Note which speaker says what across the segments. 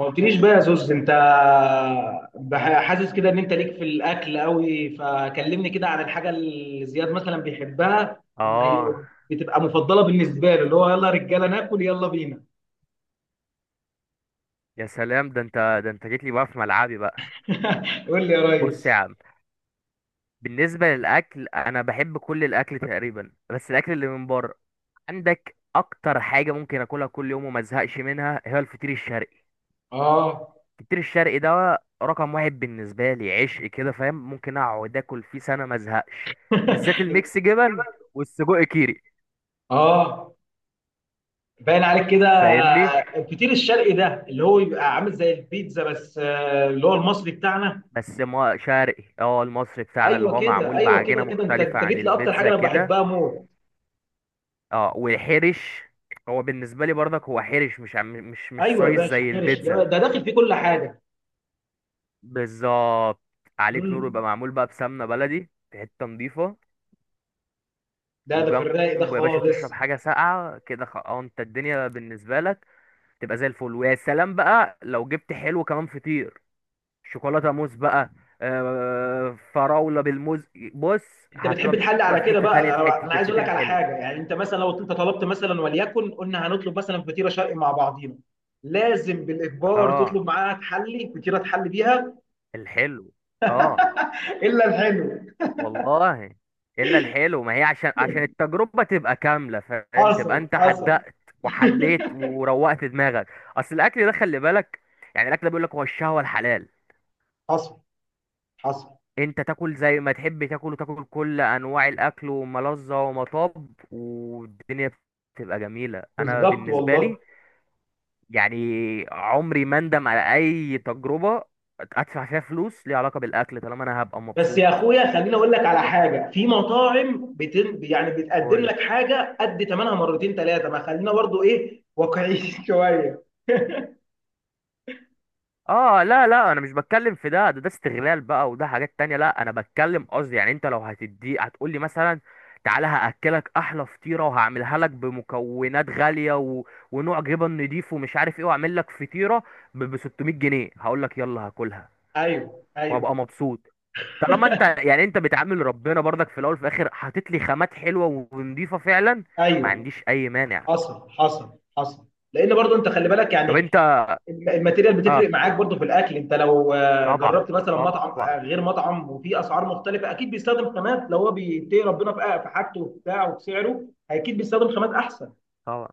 Speaker 1: ما قلتليش بقى يا زوز. انت حاسس كده ان انت ليك في الاكل قوي. فكلمني كده عن الحاجه اللي زياد مثلا بيحبها، وما
Speaker 2: اه
Speaker 1: بتبقى مفضله بالنسبه له، اللي هو يلا يا رجاله ناكل، يلا بينا.
Speaker 2: يا سلام، ده انت ده انت جيت لي بقى في ملعبي بقى.
Speaker 1: قول لي يا
Speaker 2: بص يا
Speaker 1: ريس.
Speaker 2: عم، بالنسبه للاكل انا بحب كل الاكل تقريبا، بس الاكل اللي من بره. عندك اكتر حاجه ممكن اكلها كل يوم وما ازهقش منها هي الفطير الشرقي.
Speaker 1: اه،
Speaker 2: الفطير الشرقي ده رقم واحد بالنسبه لي، عشق كده فاهم، ممكن اقعد اكل فيه سنه ما ازهقش، بالذات الميكس جبن والسجق كيري.
Speaker 1: اه، باين عليك كده.
Speaker 2: فاهمني.
Speaker 1: الفطير الشرقي ده اللي هو بيبقى عامل زي البيتزا بس، اللي هو المصري بتاعنا.
Speaker 2: بس ما شرقي، المصري بتاعنا اللي
Speaker 1: ايوه
Speaker 2: هو
Speaker 1: كده،
Speaker 2: معمول
Speaker 1: ايوه
Speaker 2: بعجينه
Speaker 1: كده، كده انت
Speaker 2: مختلفه
Speaker 1: انت
Speaker 2: عن
Speaker 1: جيت لاكتر حاجه
Speaker 2: البيتزا
Speaker 1: انا
Speaker 2: كده.
Speaker 1: بحبها موت.
Speaker 2: اه والحرش، هو بالنسبه لي برضك هو حرش، مش
Speaker 1: ايوه يا
Speaker 2: سايز
Speaker 1: باشا،
Speaker 2: زي
Speaker 1: حرش
Speaker 2: البيتزا.
Speaker 1: ده داخل فيه كل حاجه.
Speaker 2: بالظبط، عليك نور، يبقى
Speaker 1: مم.
Speaker 2: معمول بقى بسمنه بلدي في حته نضيفه.
Speaker 1: ده في
Speaker 2: وجنبه
Speaker 1: الرايق ده
Speaker 2: يا باشا تشرب
Speaker 1: خالص.
Speaker 2: حاجه ساقعه كده، انت الدنيا بالنسبه لك تبقى زي الفل، ويا سلام بقى لو جبت حلو كمان، فطير شوكولاته موز بقى، فراوله بالموز. بص
Speaker 1: انت بتحب
Speaker 2: هتروح
Speaker 1: تحل
Speaker 2: بقى
Speaker 1: على
Speaker 2: في
Speaker 1: كده
Speaker 2: حته
Speaker 1: بقى.
Speaker 2: تانية، في
Speaker 1: انا
Speaker 2: حته
Speaker 1: عايز اقول
Speaker 2: الفطير
Speaker 1: لك على
Speaker 2: الحلو.
Speaker 1: حاجه، يعني انت مثلا لو انت طلبت مثلا، وليكن قلنا هنطلب مثلا فطيره شرقي مع بعضينا، لازم بالاجبار
Speaker 2: اه
Speaker 1: تطلب معاها تحلي، فطيره تحلي بيها.
Speaker 2: الحلو. اه
Speaker 1: الا الحلو.
Speaker 2: والله الا الحلو، ما هي عشان عشان التجربه تبقى كامله فاهم، تبقى
Speaker 1: حصل،
Speaker 2: انت
Speaker 1: حصل.
Speaker 2: حدقت وحليت وروقت دماغك. اصل الاكل ده خلي بالك، يعني الاكل ده بيقول لك هو الشهوه الحلال،
Speaker 1: حصل، حصل.
Speaker 2: انت تاكل زي ما تحب تاكل، وتاكل كل انواع الاكل، وملذه ومطاب، والدنيا بتبقى جميله. انا
Speaker 1: بالظبط
Speaker 2: بالنسبه
Speaker 1: والله.
Speaker 2: لي يعني عمري ما اندم على اي تجربه ادفع فيها فلوس ليها علاقه بالاكل، طالما انا هبقى
Speaker 1: بس يا
Speaker 2: مبسوط.
Speaker 1: اخويا خليني اقول لك على حاجه. في مطاعم يعني بتقدم لك حاجه قد ثمنها مرتين ثلاثه، ما خلينا برضو ايه، واقعيين شويه.
Speaker 2: اه لا لا، انا مش بتكلم في ده، ده استغلال بقى، وده حاجات تانية. لا انا بتكلم قصدي يعني انت لو هتدي هتقول لي مثلا، تعالى هاكلك احلى فطيره وهعملها لك بمكونات غاليه، و... ونوع جبن نضيف ومش عارف ايه، واعمل لك فطيره ب 600 جنيه، هقول لك يلا هاكلها
Speaker 1: ايوه، ايوه،
Speaker 2: وهبقى مبسوط. طالما انت يعني انت بتعامل ربنا برضك في الاول وفي الاخر، حاطط لي خامات حلوه ونضيفه فعلا، ما
Speaker 1: ايوه،
Speaker 2: عنديش اي مانع.
Speaker 1: حصل، حصل، حصل. لان برضو انت خلي بالك
Speaker 2: طب انت.
Speaker 1: يعني، الماتيريال
Speaker 2: اه
Speaker 1: بتفرق معاك برضو في الاكل. انت لو
Speaker 2: طبعا
Speaker 1: جربت مثلا
Speaker 2: طبعا.
Speaker 1: مطعم، غير مطعم، وفي اسعار مختلفه، اكيد بيستخدم خامات. لو هو بيتقي ربنا في في حاجته وبتاع وبسعره، اكيد بيستخدم خامات احسن.
Speaker 2: طبعا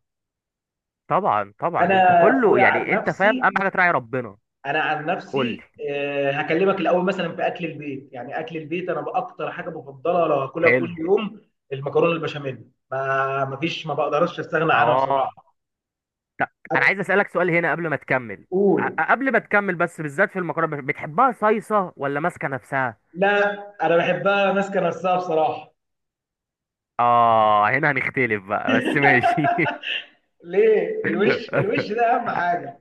Speaker 2: طبعا انت
Speaker 1: انا
Speaker 2: كله
Speaker 1: اخويا عن
Speaker 2: يعني، انت فاهم
Speaker 1: نفسي،
Speaker 2: اهم حاجه تراعي ربنا.
Speaker 1: انا عن
Speaker 2: قول لي،
Speaker 1: نفسي هكلمك الاول مثلا في اكل البيت. يعني اكل البيت، انا باكتر حاجه بفضلها لو هاكلها كل
Speaker 2: حلو.
Speaker 1: يوم المكرونه البشاميل. ما مفيش، ما بقدرش استغنى عنها
Speaker 2: اه
Speaker 1: بصراحه.
Speaker 2: انا عايز اسالك سؤال هنا قبل ما تكمل.
Speaker 1: قول.
Speaker 2: قبل ما تكمل بس، بالذات في المكرونه، بتحبها صيصه ولا ماسكه نفسها؟
Speaker 1: لا انا بحبها ماسكه نفسها بصراحه.
Speaker 2: اه هنا هنختلف بقى، بس ماشي.
Speaker 1: ليه؟ الوش ده اهم حاجه.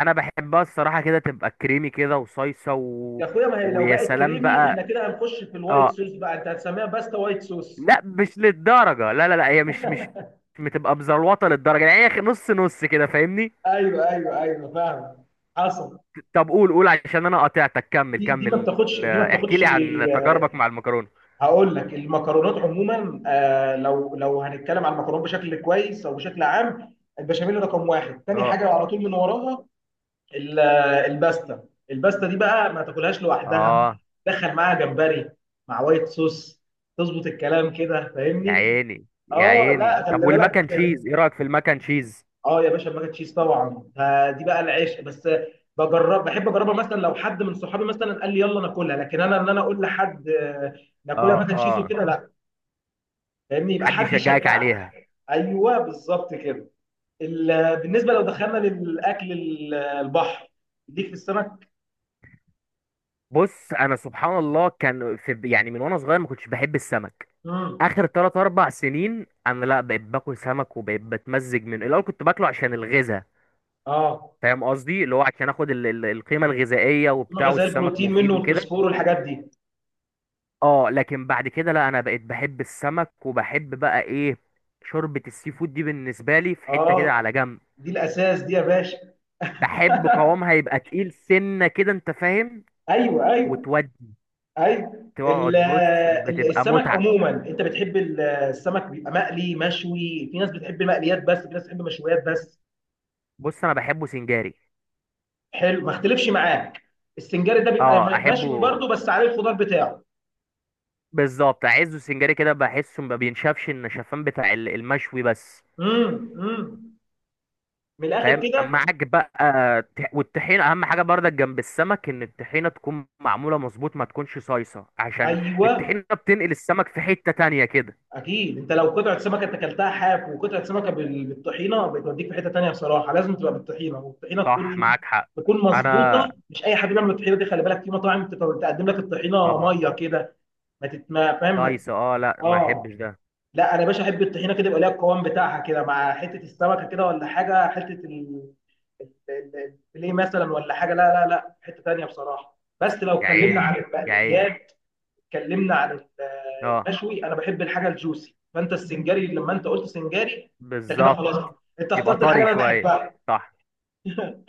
Speaker 2: انا بحبها الصراحه كده تبقى كريمي كده وصيصه. و...
Speaker 1: يا اخويا ما هي لو
Speaker 2: ويا
Speaker 1: بقت
Speaker 2: سلام
Speaker 1: كريمي احنا
Speaker 2: بقى.
Speaker 1: كده هنخش في الوايت
Speaker 2: اه
Speaker 1: صوص بقى، انت هتسميها باستا وايت صوص.
Speaker 2: لا مش للدرجه، لا هي مش بتبقى مزلوطه للدرجه، يعني هي نص نص كده، فاهمني؟
Speaker 1: ايوه، ايوه، ايوه فاهم، حصل.
Speaker 2: طب قول عشان انا قاطعتك، كمل
Speaker 1: دي ما
Speaker 2: كمل
Speaker 1: بتاخدش، دي ما
Speaker 2: احكي
Speaker 1: بتاخدش.
Speaker 2: لي عن تجاربك مع المكرونه.
Speaker 1: هقول لك المكرونات عموما، آه لو هنتكلم عن المكرونات بشكل كويس او بشكل عام، البشاميل رقم واحد. تاني
Speaker 2: اه
Speaker 1: حاجه على طول من وراها، ال- الباستا. الباستا دي بقى ما تاكلهاش لوحدها،
Speaker 2: اه
Speaker 1: دخل معاها جمبري مع وايت صوص، تظبط الكلام كده،
Speaker 2: يا
Speaker 1: فاهمني.
Speaker 2: عيني يا
Speaker 1: اه لا،
Speaker 2: عيني، طب
Speaker 1: خلي بالك.
Speaker 2: والمكن تشيز، ايه رايك في المكن تشيز؟
Speaker 1: اه يا باشا الماك تشيز طبعا، فدي بقى العشق. بس بجرب، بحب اجربها مثلا لو حد من صحابي مثلا قال لي يلا ناكلها، لكن انا انا اقول لحد ناكلها
Speaker 2: اه
Speaker 1: ماك تشيز
Speaker 2: اه
Speaker 1: وكده، لا. فاهمني، يبقى
Speaker 2: حد
Speaker 1: حد
Speaker 2: يشجعك عليها.
Speaker 1: يشجعني. ايوه بالظبط كده. بالنسبه لو دخلنا للاكل البحر، ليك في السمك.
Speaker 2: بص انا سبحان الله كان في يعني، من وانا صغير ما كنتش بحب السمك.
Speaker 1: امم.
Speaker 2: اخر 3 4 سنين انا لا بقيت باكل سمك، وبقيت بتمزج منه. الاول كنت باكله عشان الغذاء،
Speaker 1: اه،
Speaker 2: فاهم قصدي، اللي هو عشان اخد القيمه الغذائيه وبتاع،
Speaker 1: الغذاء
Speaker 2: والسمك
Speaker 1: البروتين منه
Speaker 2: مفيد وكده.
Speaker 1: والفوسفور والحاجات دي.
Speaker 2: اه لكن بعد كده لا، انا بقيت بحب السمك، وبحب بقى ايه، شوربة السي فود دي بالنسبة لي في حتة كده
Speaker 1: اه
Speaker 2: على جنب.
Speaker 1: دي الاساس دي يا باشا.
Speaker 2: بحب قوامها يبقى تقيل سنة كده انت فاهم،
Speaker 1: ايوه، ايوه،
Speaker 2: وتودي،
Speaker 1: ايوه.
Speaker 2: تقعد بص بتبقى
Speaker 1: السمك
Speaker 2: متعة.
Speaker 1: عموما، انت بتحب السمك بيبقى مقلي مشوي؟ في ناس بتحب مقليات بس، في ناس بتحب مشويات بس.
Speaker 2: بص انا بحبه سنجاري.
Speaker 1: حلو، ما اختلفش معاك. السنجاري ده بيبقى
Speaker 2: اه
Speaker 1: مشوي
Speaker 2: احبه.
Speaker 1: برضه بس عليه الخضار بتاعه.
Speaker 2: بالظبط، اعزه سنجاري كده، بحسه ما بينشفش النشفان بتاع المشوي بس.
Speaker 1: امم، امم. من الاخر
Speaker 2: فاهم
Speaker 1: كده.
Speaker 2: معاك بقى. والطحينه اهم حاجه برضك جنب السمك، ان الطحينه تكون معموله مظبوط، ما تكونش صايصه، عشان
Speaker 1: ايوه
Speaker 2: الطحينه بتنقل السمك في حته تانية كده.
Speaker 1: اكيد، انت لو قطعه سمكه انت اكلتها حاف، وقطعه سمكه بالطحينه، بتوديك في حته تانيه بصراحه. لازم تبقى بالطحينه، والطحينه
Speaker 2: صح
Speaker 1: تكون
Speaker 2: معاك حق. انا
Speaker 1: مظبوطه. مش اي حد بيعمل الطحينه دي، خلي بالك في مطاعم تقدم لك الطحينه
Speaker 2: طبعا.
Speaker 1: ميه كده. ما تت- ما فاهم ما تت-
Speaker 2: صايصه، لا ما
Speaker 1: اه
Speaker 2: احبش ده.
Speaker 1: لا، انا يا باشا احب الطحينه كده، يبقى ليها القوام بتاعها كده مع حته السمكه كده ولا حاجه، حته الفيليه مثلا ولا حاجه، لا لا لا، حته تانيه بصراحه. بس لو
Speaker 2: يا
Speaker 1: اتكلمنا عن
Speaker 2: عيني يا عيني.
Speaker 1: المقليات، اتكلمنا عن
Speaker 2: اه
Speaker 1: المشوي، انا بحب الحاجه الجوسي. فانت السنجاري لما انت قلت سنجاري، انت كده
Speaker 2: بالظبط،
Speaker 1: خلاص انت
Speaker 2: يبقى
Speaker 1: اخترت الحاجه
Speaker 2: طري
Speaker 1: اللي انا
Speaker 2: شويه.
Speaker 1: بحبها.
Speaker 2: صح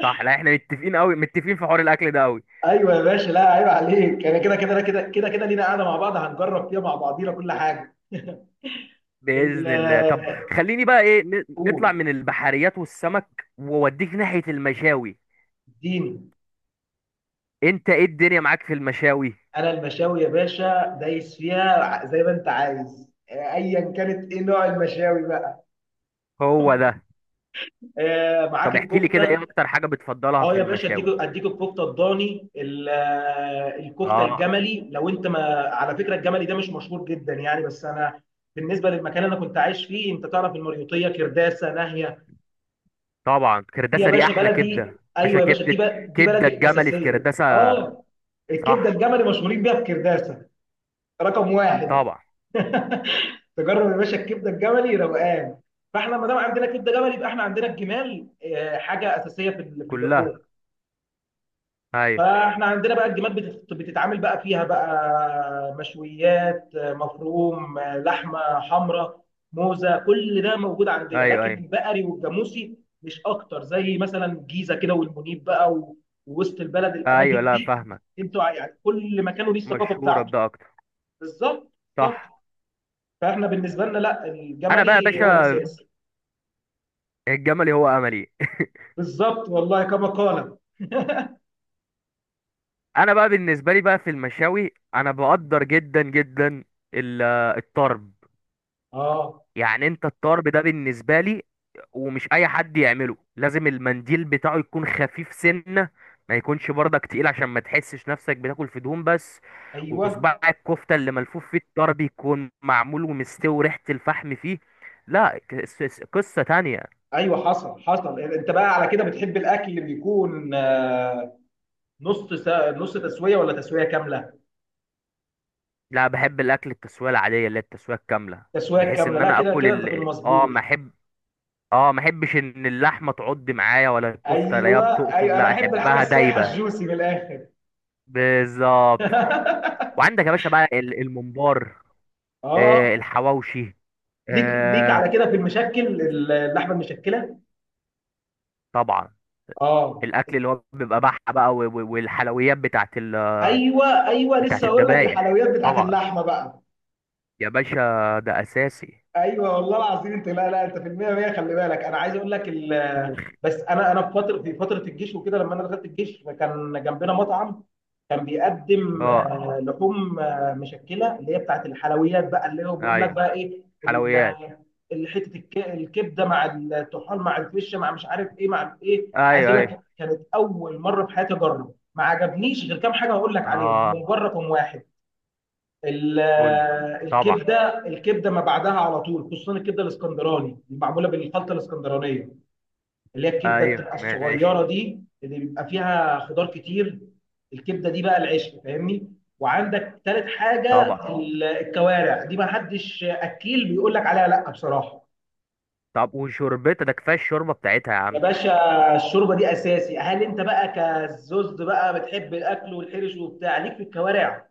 Speaker 2: صح، لا احنا متفقين قوي، متفقين في حوار الاكل ده قوي.
Speaker 1: ايوه يا باشا لا عيب عليك، انا كده لينا قاعده مع بعض هنجرب فيها مع بعضينا كل حاجه. ال-
Speaker 2: باذن الله. طب خليني بقى ايه، نطلع
Speaker 1: قول.
Speaker 2: من البحريات والسمك واوديك ناحيه المشاوي.
Speaker 1: اديني.
Speaker 2: انت ايه الدنيا معاك في المشاوي؟
Speaker 1: انا المشاوي يا باشا دايس فيها زي ما انت عايز، ايا كانت. ايه نوع المشاوي بقى؟
Speaker 2: هو ده.
Speaker 1: معاك
Speaker 2: طب احكي لي كده
Speaker 1: الكفته.
Speaker 2: ايه اكتر حاجه بتفضلها
Speaker 1: اه
Speaker 2: في
Speaker 1: يا باشا اديك،
Speaker 2: المشاوي؟
Speaker 1: اديك الكفته الضاني، الكفته
Speaker 2: اه
Speaker 1: الجملي. لو انت ما، على فكره الجملي ده مش مشهور جدا يعني. بس انا بالنسبه للمكان اللي انا كنت عايش فيه، انت تعرف المريوطيه كرداسه ناهيه.
Speaker 2: طبعا
Speaker 1: دي يا
Speaker 2: كرداسه دي
Speaker 1: باشا
Speaker 2: احلى
Speaker 1: بلدي،
Speaker 2: كبده. باشا
Speaker 1: ايوه يا باشا،
Speaker 2: كبده،
Speaker 1: دي
Speaker 2: كبده
Speaker 1: بلدي
Speaker 2: الجملي في
Speaker 1: الاساسيه.
Speaker 2: كرداسه.
Speaker 1: اه الكبده
Speaker 2: صح.
Speaker 1: الجملي مشهورين بيها في كرداسه، رقم واحد.
Speaker 2: طبعا.
Speaker 1: تجرب يا باشا الكبده الجملي روقان. فاحنا ما دام عندنا كبده جملي، يبقى احنا عندنا الجمال، حاجه اساسيه في في
Speaker 2: كلها.
Speaker 1: اللحوم.
Speaker 2: ايوه.
Speaker 1: فاحنا عندنا بقى الجمال بتتعامل بقى فيها بقى، مشويات، مفروم، لحمه حمراء، موزه، كل ده موجود عندنا.
Speaker 2: ايوه
Speaker 1: لكن
Speaker 2: ايوه
Speaker 1: البقري والجاموسي مش اكتر، زي مثلا الجيزه كده والمنيب بقى، ووسط البلد،
Speaker 2: ايوه
Speaker 1: الاماكن
Speaker 2: لا
Speaker 1: دي.
Speaker 2: فاهمك،
Speaker 1: انتوا يعني كل مكان وليه الثقافه
Speaker 2: مشهوره
Speaker 1: بتاعته.
Speaker 2: بده اكتر.
Speaker 1: بالظبط. بالظبط.
Speaker 2: صح.
Speaker 1: فاحنا بالنسبه لنا لا،
Speaker 2: انا بقى يا
Speaker 1: الجملي هو
Speaker 2: باشا،
Speaker 1: الاساس.
Speaker 2: الجملي هو املي.
Speaker 1: بالظبط والله كما قال.
Speaker 2: انا بقى بالنسبه لي بقى في المشاوي، انا بقدر جدا جدا ال- الطرب.
Speaker 1: اه،
Speaker 2: يعني انت الطرب ده بالنسبة لي، ومش اي حد يعمله، لازم المنديل بتاعه يكون خفيف سنة، ما يكونش برضك تقيل، عشان ما تحسش نفسك بتاكل في دهون بس.
Speaker 1: ايوه،
Speaker 2: وصباع الكفتة اللي ملفوف فيه الطرب يكون معمول ومستوي، ريحة الفحم فيه، لا قصة تانية.
Speaker 1: ايوه، حصل، حصل. انت بقى على كده بتحب الاكل اللي بيكون نص تسويه ولا تسويه كامله؟
Speaker 2: لا بحب الاكل التسوية العادية، اللي هي التسوية الكاملة،
Speaker 1: تسويه
Speaker 2: بحيث
Speaker 1: كامله،
Speaker 2: ان
Speaker 1: لا
Speaker 2: انا
Speaker 1: كده
Speaker 2: اكل
Speaker 1: كده انت في
Speaker 2: ال... اه
Speaker 1: المظبوط.
Speaker 2: ما احب، اه ما احبش ان اللحمة تعض معايا، ولا الكفتة لا هي
Speaker 1: ايوه
Speaker 2: بتقطم،
Speaker 1: ايوه، انا
Speaker 2: لا
Speaker 1: احب الحاجه
Speaker 2: احبها
Speaker 1: السايحه
Speaker 2: دايبة.
Speaker 1: الجوسي من الاخر.
Speaker 2: بالظبط. وعندك يا باشا بقى الممبار،
Speaker 1: اه
Speaker 2: الحواوشي،
Speaker 1: ليك، ليك
Speaker 2: آه،
Speaker 1: على كده في المشكل، اللحمه المشكله.
Speaker 2: طبعا
Speaker 1: اه
Speaker 2: الاكل اللي هو بيبقى بحة بقى والحلويات بتاعت ال،
Speaker 1: ايوه، ايوه
Speaker 2: بتاعت
Speaker 1: لسه هقول لك،
Speaker 2: الذبايح،
Speaker 1: الحلويات بتاعت
Speaker 2: طبعا
Speaker 1: اللحمه بقى.
Speaker 2: يا باشا ده اساسي.
Speaker 1: ايوه والله العظيم. انت لا لا، انت في المية مية، خلي بالك. انا عايز اقول لك
Speaker 2: مم.
Speaker 1: بس انا في فتره، في فتره الجيش وكده، لما انا دخلت الجيش كان جنبنا مطعم كان بيقدم
Speaker 2: اه
Speaker 1: لحوم مشكله، اللي هي بتاعت الحلويات بقى. اللي هو بيقول لك
Speaker 2: ايوه،
Speaker 1: بقى ايه
Speaker 2: حلويات.
Speaker 1: حته الكبده مع الطحال مع الفشه مع مش عارف ايه مع ايه. عايز
Speaker 2: ايوه
Speaker 1: اقول
Speaker 2: ايوه
Speaker 1: لك كانت اول مره في حياتي اجرب، ما عجبنيش غير كام حاجه هقول لك عليهم،
Speaker 2: اه
Speaker 1: هم مجرد واحد، ال-
Speaker 2: قول لي. طبعا.
Speaker 1: الكبده. الكبده ما بعدها على طول، خصوصا الكبده الاسكندراني المعموله بالخلطه الاسكندرانيه، اللي هي الكبده
Speaker 2: ايوه
Speaker 1: بتبقى
Speaker 2: ماشي.
Speaker 1: الصغيره دي اللي بيبقى فيها خضار كتير. الكبده دي بقى العشق فاهمني. وعندك تالت حاجه،
Speaker 2: طبعا.
Speaker 1: الكوارع. دي ما حدش اكيل بيقول لك عليها لا بصراحه.
Speaker 2: طب وشربتها ده، كفايه الشوربه بتاعتها يا
Speaker 1: يا
Speaker 2: عم.
Speaker 1: باشا الشوربه دي اساسي. هل انت بقى كزوز بقى بتحب الاكل والحرش وبتاع ليك في الكوارع؟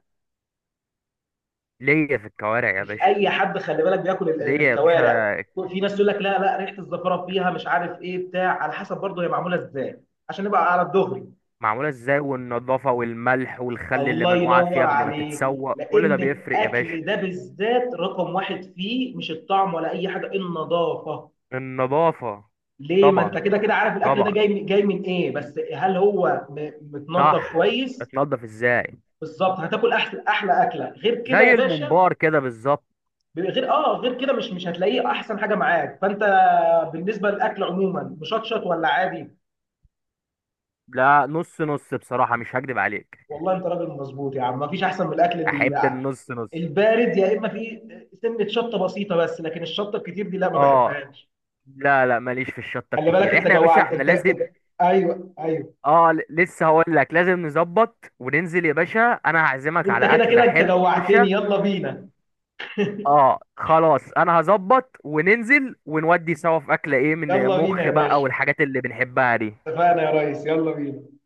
Speaker 2: ليا في الكوارع يا
Speaker 1: مش
Speaker 2: باشا.
Speaker 1: اي حد خلي بالك بياكل
Speaker 2: ليا يا
Speaker 1: الكوارع.
Speaker 2: باشا.
Speaker 1: في ناس تقول لك لا لا، ريحه الزفره فيها مش عارف ايه بتاع، على حسب برضه هي معموله ازاي عشان نبقى على الدغري.
Speaker 2: معمولة ازاي، والنظافة، والملح والخل اللي
Speaker 1: الله
Speaker 2: منقوعة فيه
Speaker 1: ينور
Speaker 2: قبل ما
Speaker 1: عليك.
Speaker 2: تتسوق، كل ده
Speaker 1: لان
Speaker 2: بيفرق يا باشا.
Speaker 1: الاكل ده بالذات رقم واحد فيه مش الطعم ولا اي حاجه، النظافه.
Speaker 2: النظافة.
Speaker 1: ليه؟ ما انت
Speaker 2: طبعا
Speaker 1: كده كده عارف الاكل ده
Speaker 2: طبعا.
Speaker 1: جاي من، ايه؟ بس هل هو متنضف
Speaker 2: صح.
Speaker 1: كويس؟
Speaker 2: بتنضف ازاي.
Speaker 1: بالظبط، هتاكل احلى، احلى اكله غير كده يا
Speaker 2: زي
Speaker 1: باشا.
Speaker 2: الممبار كده بالظبط.
Speaker 1: غير، اه غير كده، مش هتلاقيه احسن حاجه معاك. فانت بالنسبه للاكل عموما مشطشط ولا عادي؟
Speaker 2: لا نص نص بصراحة، مش هكدب عليك.
Speaker 1: والله انت راجل مظبوط يا عم، مفيش احسن من الاكل
Speaker 2: احب النص نص.
Speaker 1: البارد. يا اما في سنه شطه بسيطه بس، لكن الشطه الكتير دي لا ما
Speaker 2: اه
Speaker 1: بحبهاش.
Speaker 2: لا لا، ماليش في الشطة
Speaker 1: خلي بالك
Speaker 2: الكتير،
Speaker 1: انت
Speaker 2: احنا يا باشا
Speaker 1: جوعت
Speaker 2: احنا
Speaker 1: انت.
Speaker 2: لازم.
Speaker 1: ايوه ايوه،
Speaker 2: لسه هقول لك، لازم نظبط وننزل يا باشا، انا هعزمك
Speaker 1: انت
Speaker 2: على
Speaker 1: كده
Speaker 2: اكلة
Speaker 1: كده انت
Speaker 2: حرشة.
Speaker 1: جوعتني، يلا بينا.
Speaker 2: اه خلاص، انا هظبط وننزل ونودي سوا في اكله ايه، من
Speaker 1: يلا بينا
Speaker 2: مخ
Speaker 1: يا
Speaker 2: بقى
Speaker 1: باشا.
Speaker 2: والحاجات اللي بنحبها دي.
Speaker 1: اتفقنا يا ريس، يلا بينا.